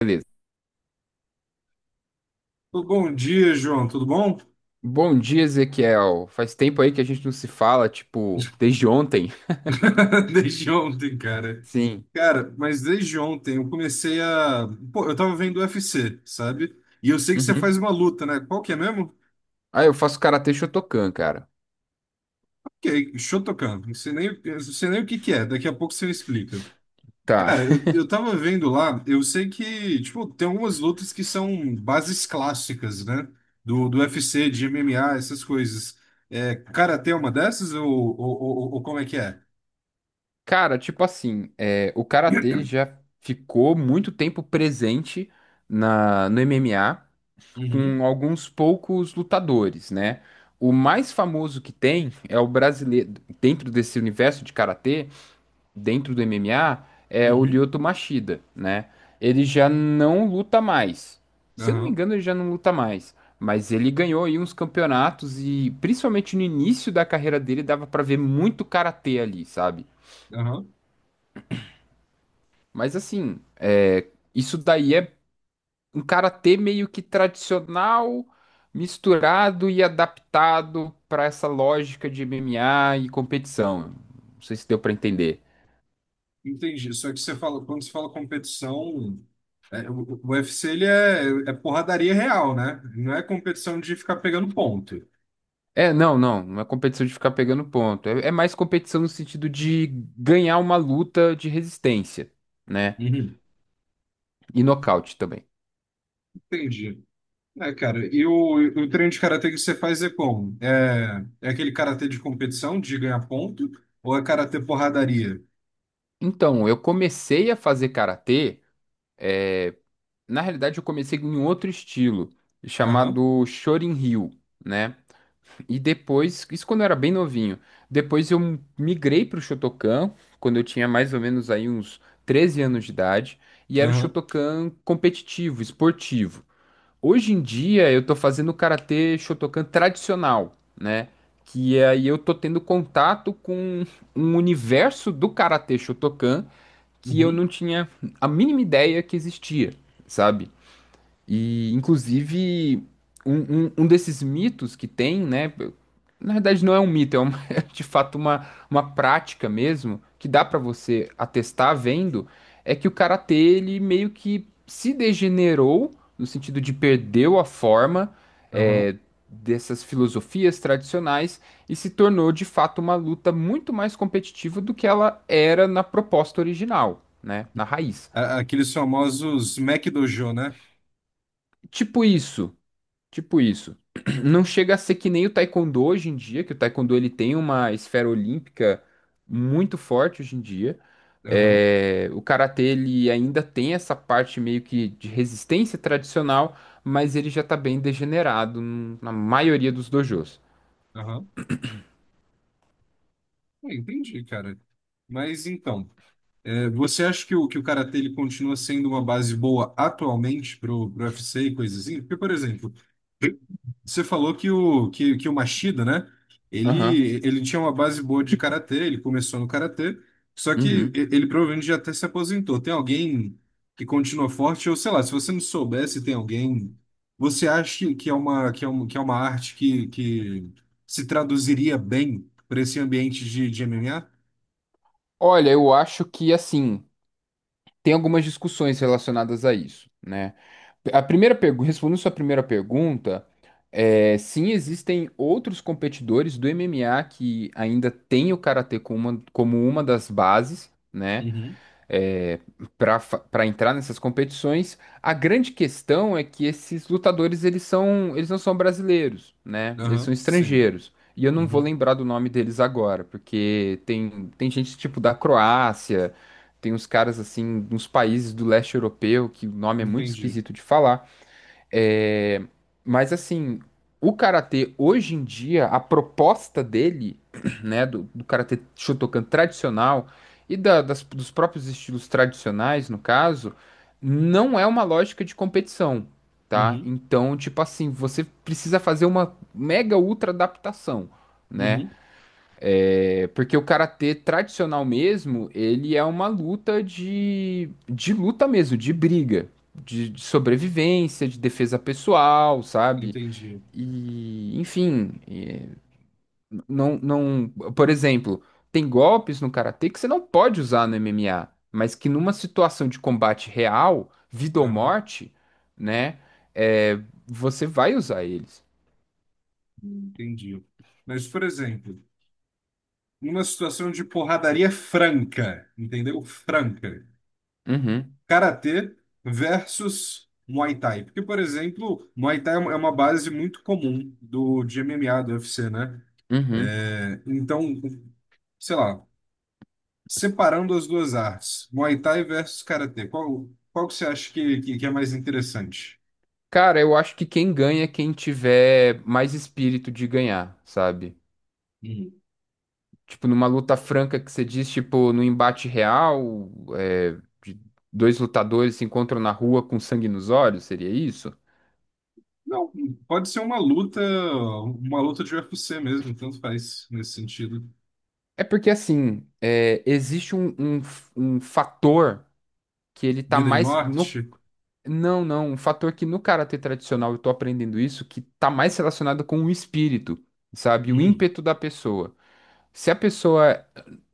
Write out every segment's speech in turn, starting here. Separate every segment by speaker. Speaker 1: Beleza.
Speaker 2: Bom dia, João. Tudo bom?
Speaker 1: Bom dia, Ezequiel. Faz tempo aí que a gente não se fala, tipo, desde ontem.
Speaker 2: Desde ontem, cara.
Speaker 1: Sim.
Speaker 2: Cara, mas desde ontem eu comecei a. Pô, eu tava vendo UFC, sabe? E eu sei que você faz
Speaker 1: Uhum.
Speaker 2: uma luta, né? Qual que é mesmo?
Speaker 1: Ah, eu faço karatê Shotokan, cara.
Speaker 2: Ok, Shotokan. Não sei nem, eu não sei nem o que que é. Daqui a pouco você me explica.
Speaker 1: Tá.
Speaker 2: Cara, eu tava vendo lá, eu sei que, tipo, tem algumas lutas que são bases clássicas, né? Do UFC, de MMA, essas coisas. É, karatê é uma dessas ou como é que é?
Speaker 1: Cara, tipo assim, o karatê ele já ficou muito tempo presente no MMA
Speaker 2: Uhum,
Speaker 1: com alguns poucos lutadores, né? O mais famoso que tem é o brasileiro, dentro desse universo de karatê, dentro do MMA é o
Speaker 2: uhum.
Speaker 1: Lyoto Machida, né? Ele já não luta mais. Se eu não me
Speaker 2: Aham.
Speaker 1: engano, ele já não luta mais. Mas ele ganhou aí uns campeonatos e principalmente no início da carreira dele dava pra ver muito karatê ali, sabe?
Speaker 2: Aham,
Speaker 1: Mas assim, isso daí é um karatê meio que tradicional, misturado e adaptado pra essa lógica de MMA e competição. Não sei se deu pra entender.
Speaker 2: entendi. Só que você fala, quando você fala competição, é, o UFC ele é, é porradaria real, né? Não é competição de ficar pegando ponto.
Speaker 1: É, não, não é competição de ficar pegando ponto. É, é mais competição no sentido de ganhar uma luta de resistência, né?
Speaker 2: Uhum.
Speaker 1: E nocaute também.
Speaker 2: Entendi. É, cara, e o treino de karatê que você faz é como? É, é aquele karatê de competição, de ganhar ponto, ou é karatê porradaria?
Speaker 1: Então, eu comecei a fazer karatê. é, Na realidade, eu comecei em outro estilo,
Speaker 2: Aham,
Speaker 1: chamado Shorin-ryu, né? E depois, isso quando eu era bem novinho. Depois eu migrei para o Shotokan, quando eu tinha mais ou menos aí uns 13 anos de idade, e era o
Speaker 2: aham,
Speaker 1: Shotokan competitivo, esportivo. Hoje em dia eu tô fazendo karatê Shotokan tradicional, né? Que aí eu tô tendo contato com um universo do karatê Shotokan que eu
Speaker 2: uhum,
Speaker 1: não tinha a mínima ideia que existia, sabe? E, inclusive, um, um desses mitos que tem, né? Na verdade, não é um mito, uma- é de fato uma prática mesmo, que dá pra você atestar vendo, é que o karatê, ele meio que se degenerou, no sentido de perdeu a forma,
Speaker 2: aham.
Speaker 1: é, dessas filosofias tradicionais e se tornou de fato uma luta muito mais competitiva do que ela era na proposta original, né? Na raiz.
Speaker 2: A- Aqueles famosos Mac Dojo, né?
Speaker 1: Tipo isso. Tipo isso. Não chega a ser que nem o taekwondo hoje em dia, que o taekwondo ele tem uma esfera olímpica muito forte hoje em dia.
Speaker 2: Aham,
Speaker 1: É, o karatê ele ainda tem essa parte meio que de resistência tradicional, mas ele já tá bem degenerado n- na maioria dos dojos.
Speaker 2: aham. É, entendi, cara. Mas então. É, você acha que o karatê ele continua sendo uma base boa atualmente pro, pro UFC e coisas assim? Porque, por exemplo, você falou que o, que, que o Machida, né?
Speaker 1: Aham.
Speaker 2: Ele tinha uma base boa de karatê, ele começou no karatê, só que e-
Speaker 1: Uhum.
Speaker 2: ele provavelmente já até se aposentou. Tem alguém que continua forte, ou sei lá, se você não soubesse, tem alguém. Você acha que é uma, que é uma, que é uma arte que se traduziria bem para esse ambiente de MMA?
Speaker 1: Olha, eu acho que assim, tem algumas discussões relacionadas a isso, né? A primeira pergunta, respondendo sua primeira pergunta, é, sim, existem outros competidores do MMA que ainda têm o karatê como como uma das bases, né?
Speaker 2: Uhum.
Speaker 1: Para entrar nessas competições. A grande questão é que esses lutadores eles são eles não são brasileiros, né? Eles são
Speaker 2: Aham, sim.
Speaker 1: estrangeiros. E eu não vou
Speaker 2: Uhum.
Speaker 1: lembrar do nome deles agora, porque tem gente tipo da Croácia, tem uns caras assim, uns países do leste europeu que o nome é muito
Speaker 2: Entendi.
Speaker 1: esquisito de falar. É, mas assim, o karatê hoje em dia, a proposta dele, né, do karatê Shotokan tradicional e da- das- dos próprios estilos tradicionais, no caso, não é uma lógica de competição, tá?
Speaker 2: Uhum,
Speaker 1: Então, tipo assim, você precisa fazer uma mega ultra adaptação, né?
Speaker 2: uhum,
Speaker 1: É porque o karatê tradicional mesmo, ele é uma luta de luta mesmo, de briga, de sobrevivência, de defesa pessoal, sabe?
Speaker 2: entendi.
Speaker 1: E, enfim, é, não, por exemplo, tem golpes no karatê que você não pode usar no MMA, mas que numa situação de combate real, vida ou
Speaker 2: Aham,
Speaker 1: morte, né, é, você vai usar eles.
Speaker 2: entendi. Mas, por exemplo, numa situação de porradaria franca, entendeu? Franca.
Speaker 1: Uhum,
Speaker 2: Karatê versus Muay Thai. Porque, por exemplo, Muay Thai é uma base muito comum do, de MMA, do UFC, né?
Speaker 1: uhum.
Speaker 2: É, então, sei lá, separando as duas artes, Muay Thai versus Karatê, qual, qual que você acha que é mais interessante?
Speaker 1: Cara, eu acho que quem ganha é quem tiver mais espírito de ganhar, sabe? Tipo, numa luta franca que você diz, tipo, no embate real, é, de dois lutadores se encontram na rua com sangue nos olhos, seria isso?
Speaker 2: Não, pode ser uma luta de UFC mesmo, tanto faz nesse sentido.
Speaker 1: É porque, assim, é, existe um, um fator que ele tá
Speaker 2: Vida e
Speaker 1: mais... No...
Speaker 2: morte.
Speaker 1: Não, não, um fator que no karatê tradicional eu tô aprendendo isso, que tá mais relacionado com o espírito, sabe? O
Speaker 2: Uhum,
Speaker 1: ímpeto da pessoa. Se a pessoa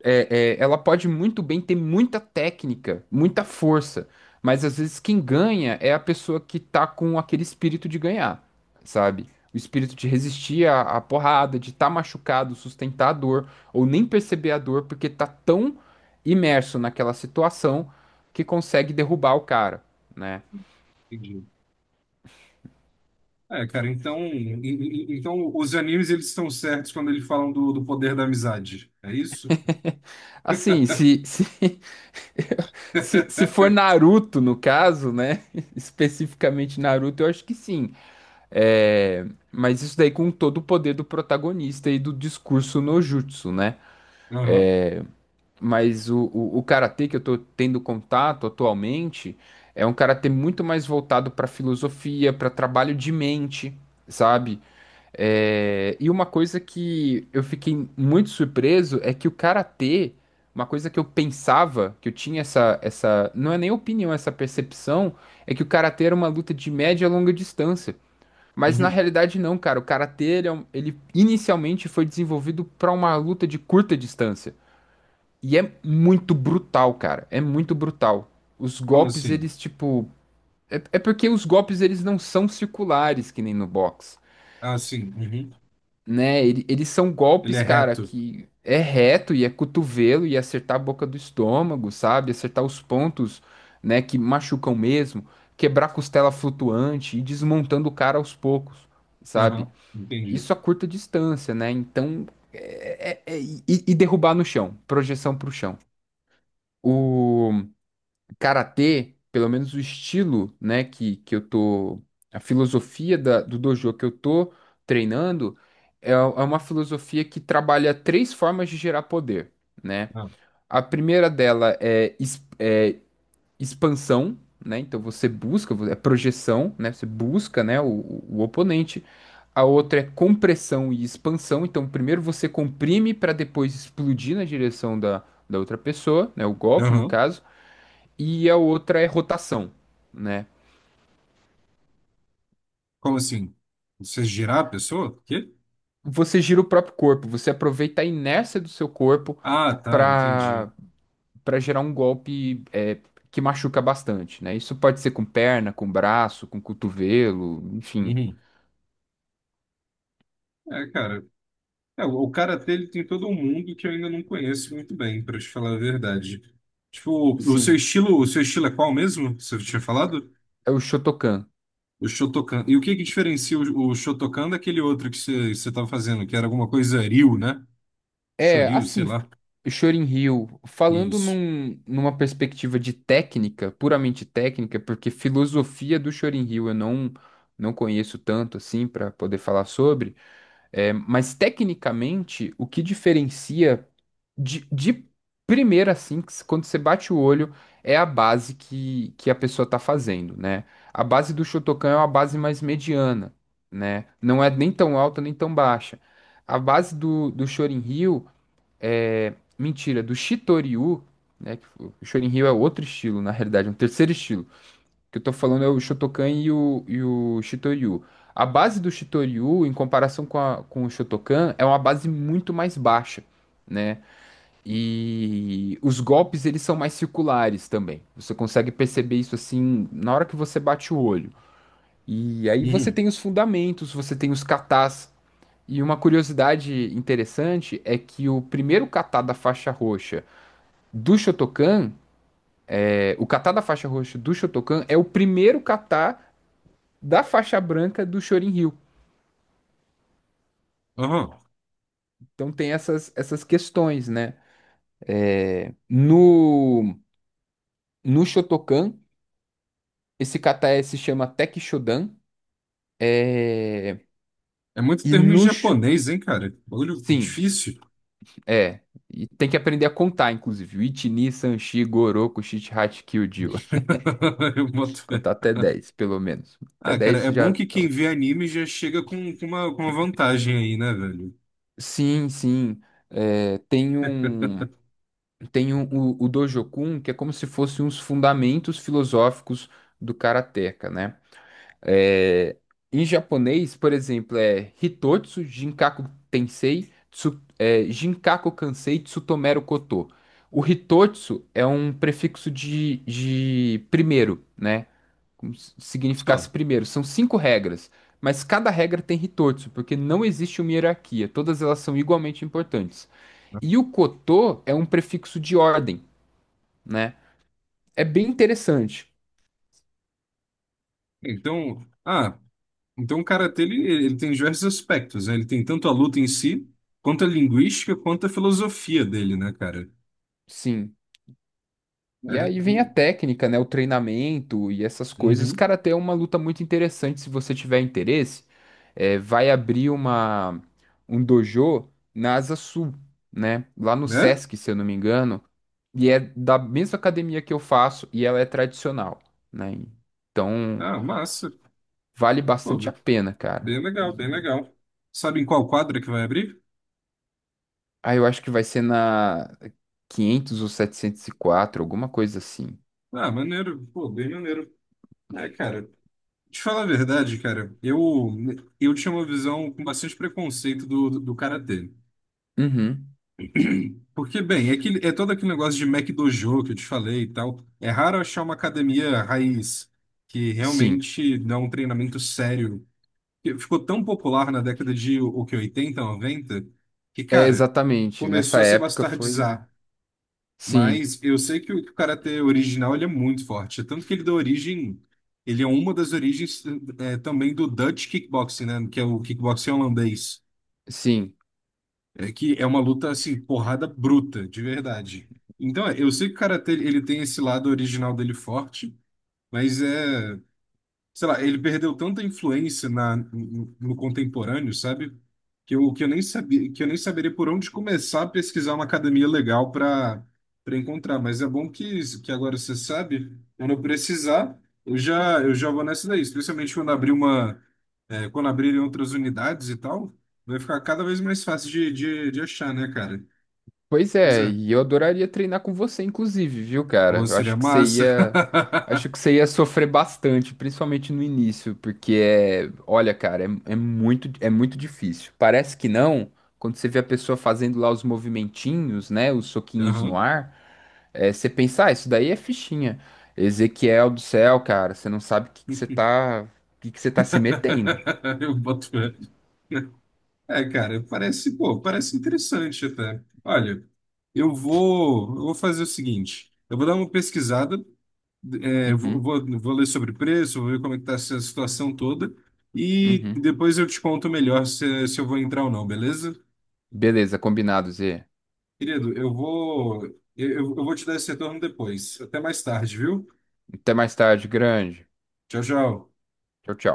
Speaker 1: ela pode muito bem ter muita técnica, muita força, mas às vezes quem ganha é a pessoa que tá com aquele espírito de ganhar, sabe? O espírito de resistir à, à porrada, de estar machucado, sustentar a dor, ou nem perceber a dor, porque tá tão imerso naquela situação que consegue derrubar o cara. Né?
Speaker 2: entendi. É, cara, então, em- em- então os animes eles estão certos quando eles falam do, do poder da amizade, é isso?
Speaker 1: Assim, se, se for Naruto, no caso, né? Especificamente Naruto, eu acho que sim. É, mas isso daí com todo o poder do protagonista e do discurso no jutsu, né?
Speaker 2: Aham.
Speaker 1: Mas o karatê que eu tô tendo contato atualmente é um karatê muito mais voltado para filosofia, para trabalho de mente, sabe? É, e uma coisa que eu fiquei muito surpreso é que o karatê, uma coisa que eu pensava, que eu tinha essa, não é nem opinião, essa percepção, é que o karatê era uma luta de média e longa distância. Mas na
Speaker 2: Uhum.
Speaker 1: realidade não, cara. O karatê, ele, é um- ele inicialmente foi desenvolvido pra uma luta de curta distância. E é muito brutal, cara. É muito brutal. Os
Speaker 2: Como
Speaker 1: golpes,
Speaker 2: assim?
Speaker 1: eles, tipo... É, é porque os golpes, eles não são circulares, que nem no boxe,
Speaker 2: Ah, sim. Uhum.
Speaker 1: né? Ele- eles são
Speaker 2: Ele é
Speaker 1: golpes, cara,
Speaker 2: reto.
Speaker 1: que é reto e é cotovelo e é acertar a boca do estômago, sabe? Acertar os pontos, né, que machucam mesmo. Quebrar costela flutuante e desmontando o cara aos poucos, sabe?
Speaker 2: Aham. Entendi.
Speaker 1: Isso a curta distância, né? Então, é- é- é- e derrubar no chão, projeção para o chão. O karatê, pelo menos o estilo, né, que eu tô, a filosofia da- do dojo que eu tô treinando é, é uma filosofia que trabalha três formas de gerar poder, né?
Speaker 2: Ah.
Speaker 1: A primeira dela é expansão, né? Então você busca, é projeção, né? Você busca, né, o oponente. A outra é compressão e expansão. Então primeiro você comprime para depois explodir na direção da outra pessoa, né? O golpe, no
Speaker 2: Aham.
Speaker 1: caso. E a outra é rotação, né?
Speaker 2: Como assim? Você girar a pessoa? Quê?
Speaker 1: Você gira o próprio corpo, você aproveita a inércia do seu corpo
Speaker 2: Ah, tá, entendi.
Speaker 1: para para gerar um golpe é, que machuca bastante, né? Isso pode ser com perna, com braço, com cotovelo, enfim.
Speaker 2: Uhum. É, cara. É, o karatê ele tem todo um mundo que eu ainda não conheço muito bem, para te falar a verdade. Tipo,
Speaker 1: Sim,
Speaker 2: o seu estilo é qual mesmo? Você tinha falado?
Speaker 1: é o Shotokan.
Speaker 2: O Shotokan. E o que que diferencia o Shotokan daquele outro que você tava fazendo, que era alguma coisa Ryu, né?
Speaker 1: É,
Speaker 2: Shoryu, sei
Speaker 1: assim,
Speaker 2: lá.
Speaker 1: Chorin Hill, falando
Speaker 2: Isso.
Speaker 1: num- numa perspectiva de técnica, puramente técnica, porque filosofia do Chorin Hill eu não, não conheço tanto assim para poder falar sobre, é, mas tecnicamente o que diferencia de primeira assim, que se- quando você bate o olho, é a base que a pessoa está fazendo, né? A base do Shotokan é uma base mais mediana, né? Não é nem tão alta nem tão baixa. A base do Chorin Hill é, mentira, do Shitoryu, né? Que o Shorinryu é outro estilo, na realidade, é um terceiro estilo. O que eu tô falando é o Shotokan e e o Shitoryu. A base do Shitoryu, em comparação com, a- com o Shotokan, é uma base muito mais baixa, né? E os golpes, eles são mais circulares também. Você consegue perceber isso, assim, na hora que você bate o olho. E aí você
Speaker 2: Uhum.
Speaker 1: tem os fundamentos, você tem os katas. E uma curiosidade interessante é que o primeiro kata da faixa roxa do Shotokan, é, o kata da faixa roxa do Shotokan é o primeiro kata da faixa branca do Shorin-ryu.
Speaker 2: Aham.
Speaker 1: Então tem essas questões, né? É, no Shotokan, esse kata é- se chama Tekishodan. É,
Speaker 2: É muito
Speaker 1: e
Speaker 2: termo em
Speaker 1: no...
Speaker 2: japonês, hein, cara? Bagulho
Speaker 1: Sim,
Speaker 2: difícil.
Speaker 1: é. E tem que aprender a contar, inclusive. Ichi, ni, san, shi, goroku, shichihachi, kyujiwa.
Speaker 2: Eu boto fé.
Speaker 1: Contar até 10 pelo menos. Até
Speaker 2: Ah, cara,
Speaker 1: 10
Speaker 2: é bom
Speaker 1: já
Speaker 2: que
Speaker 1: tá
Speaker 2: quem
Speaker 1: ótimo.
Speaker 2: vê anime já chega com uma vantagem aí, né, velho?
Speaker 1: Sim, sim. É, tem um... Tem o Dojokun, que é como se fossem os fundamentos filosóficos do karateka, né? É, em japonês, por exemplo, é Hitotsu, Jinkaku Tensei, Tsu, é, Jinkaku Kansei, Tsutomeru Koto. O Hitotsu é um prefixo de primeiro, né? Como se significasse
Speaker 2: Só.
Speaker 1: primeiro. São cinco regras, mas cada regra tem Hitotsu, porque não existe uma hierarquia. Todas elas são igualmente importantes. E o Koto é um prefixo de ordem né? É bem interessante,
Speaker 2: Então, ah, então, o karatê ele, ele tem diversos aspectos, né? Ele tem tanto a luta em si, quanto a linguística, quanto a filosofia dele, né, cara?
Speaker 1: sim. E
Speaker 2: É.
Speaker 1: aí vem a técnica, né? O treinamento e essas coisas.
Speaker 2: Uhum.
Speaker 1: Cara, até é uma luta muito interessante se você tiver interesse. É, vai abrir uma um dojo na Asa Sul, né? Lá no
Speaker 2: É?
Speaker 1: Sesc, se eu não me engano. E é da mesma academia que eu faço e ela é tradicional, né? Então
Speaker 2: Ah, massa.
Speaker 1: vale
Speaker 2: Pô,
Speaker 1: bastante a pena, cara.
Speaker 2: bem legal, bem
Speaker 1: E...
Speaker 2: legal. Sabe em qual quadra que vai abrir?
Speaker 1: Ah, eu acho que vai ser na 500 ou 704, alguma coisa assim.
Speaker 2: Ah, maneiro. Pô, bem maneiro. É, cara. Te falar a verdade, cara, eu tinha uma visão com bastante preconceito do, do, do karatê.
Speaker 1: Uhum.
Speaker 2: Porque, bem, é, aquele- é todo aquele negócio de Mac Dojo que eu te falei e tal. É raro achar uma academia raiz que
Speaker 1: Sim.
Speaker 2: realmente dá um treinamento sério. Que ficou tão popular na década de o que, 80 90 que,
Speaker 1: É,
Speaker 2: cara,
Speaker 1: exatamente. Nessa
Speaker 2: começou a se
Speaker 1: época foi.
Speaker 2: bastardizar.
Speaker 1: Sim,
Speaker 2: Mas eu sei que o karatê original ele é muito forte. Tanto que ele dá origem. Ele é uma das origens eh, também do Dutch kickboxing, né? Que é o kickboxing holandês.
Speaker 1: sim.
Speaker 2: É que é uma luta assim, porrada bruta, de verdade. Então, é, eu sei que o karatê ele tem esse lado original dele forte, mas é sei lá, ele perdeu tanta influência na, no, no contemporâneo, sabe? Que eu nem sabia, que eu nem saberia por onde começar a pesquisar uma academia legal para para encontrar. Mas é bom que agora você sabe, quando eu precisar, eu já vou nessa daí, especialmente quando abrir uma, é, quando abrirem outras unidades e tal, vai ficar cada vez mais fácil de achar, né, cara?
Speaker 1: Pois
Speaker 2: Pois
Speaker 1: é,
Speaker 2: é.
Speaker 1: e eu adoraria treinar com você, inclusive, viu,
Speaker 2: Pô,
Speaker 1: cara? Eu
Speaker 2: seria
Speaker 1: acho que você
Speaker 2: massa.
Speaker 1: ia. Acho que você ia sofrer bastante, principalmente no início, porque é. Olha, cara, é muito difícil. Parece que não, quando você vê a pessoa fazendo lá os movimentinhos, né? Os soquinhos no
Speaker 2: Aham.
Speaker 1: ar, é, você pensa, ah, isso daí é fichinha. Ezequiel do céu, cara, você não sabe o que que você tá. O que que você tá se metendo.
Speaker 2: Eu boto fé. É, cara, parece, pô, parece interessante até. Olha, eu vou fazer o seguinte, eu vou dar uma pesquisada, é, vou,
Speaker 1: Uhum,
Speaker 2: vou, vou ler sobre preço, vou ver como é que tá essa situação toda, e
Speaker 1: uhum.
Speaker 2: depois eu te conto melhor se, se eu vou entrar ou não, beleza?
Speaker 1: Beleza, combinado, Zê.
Speaker 2: Querido, eu, eu vou te dar esse retorno depois. Até mais tarde, viu?
Speaker 1: Até mais tarde, grande.
Speaker 2: Tchau, tchau.
Speaker 1: Tchau, tchau.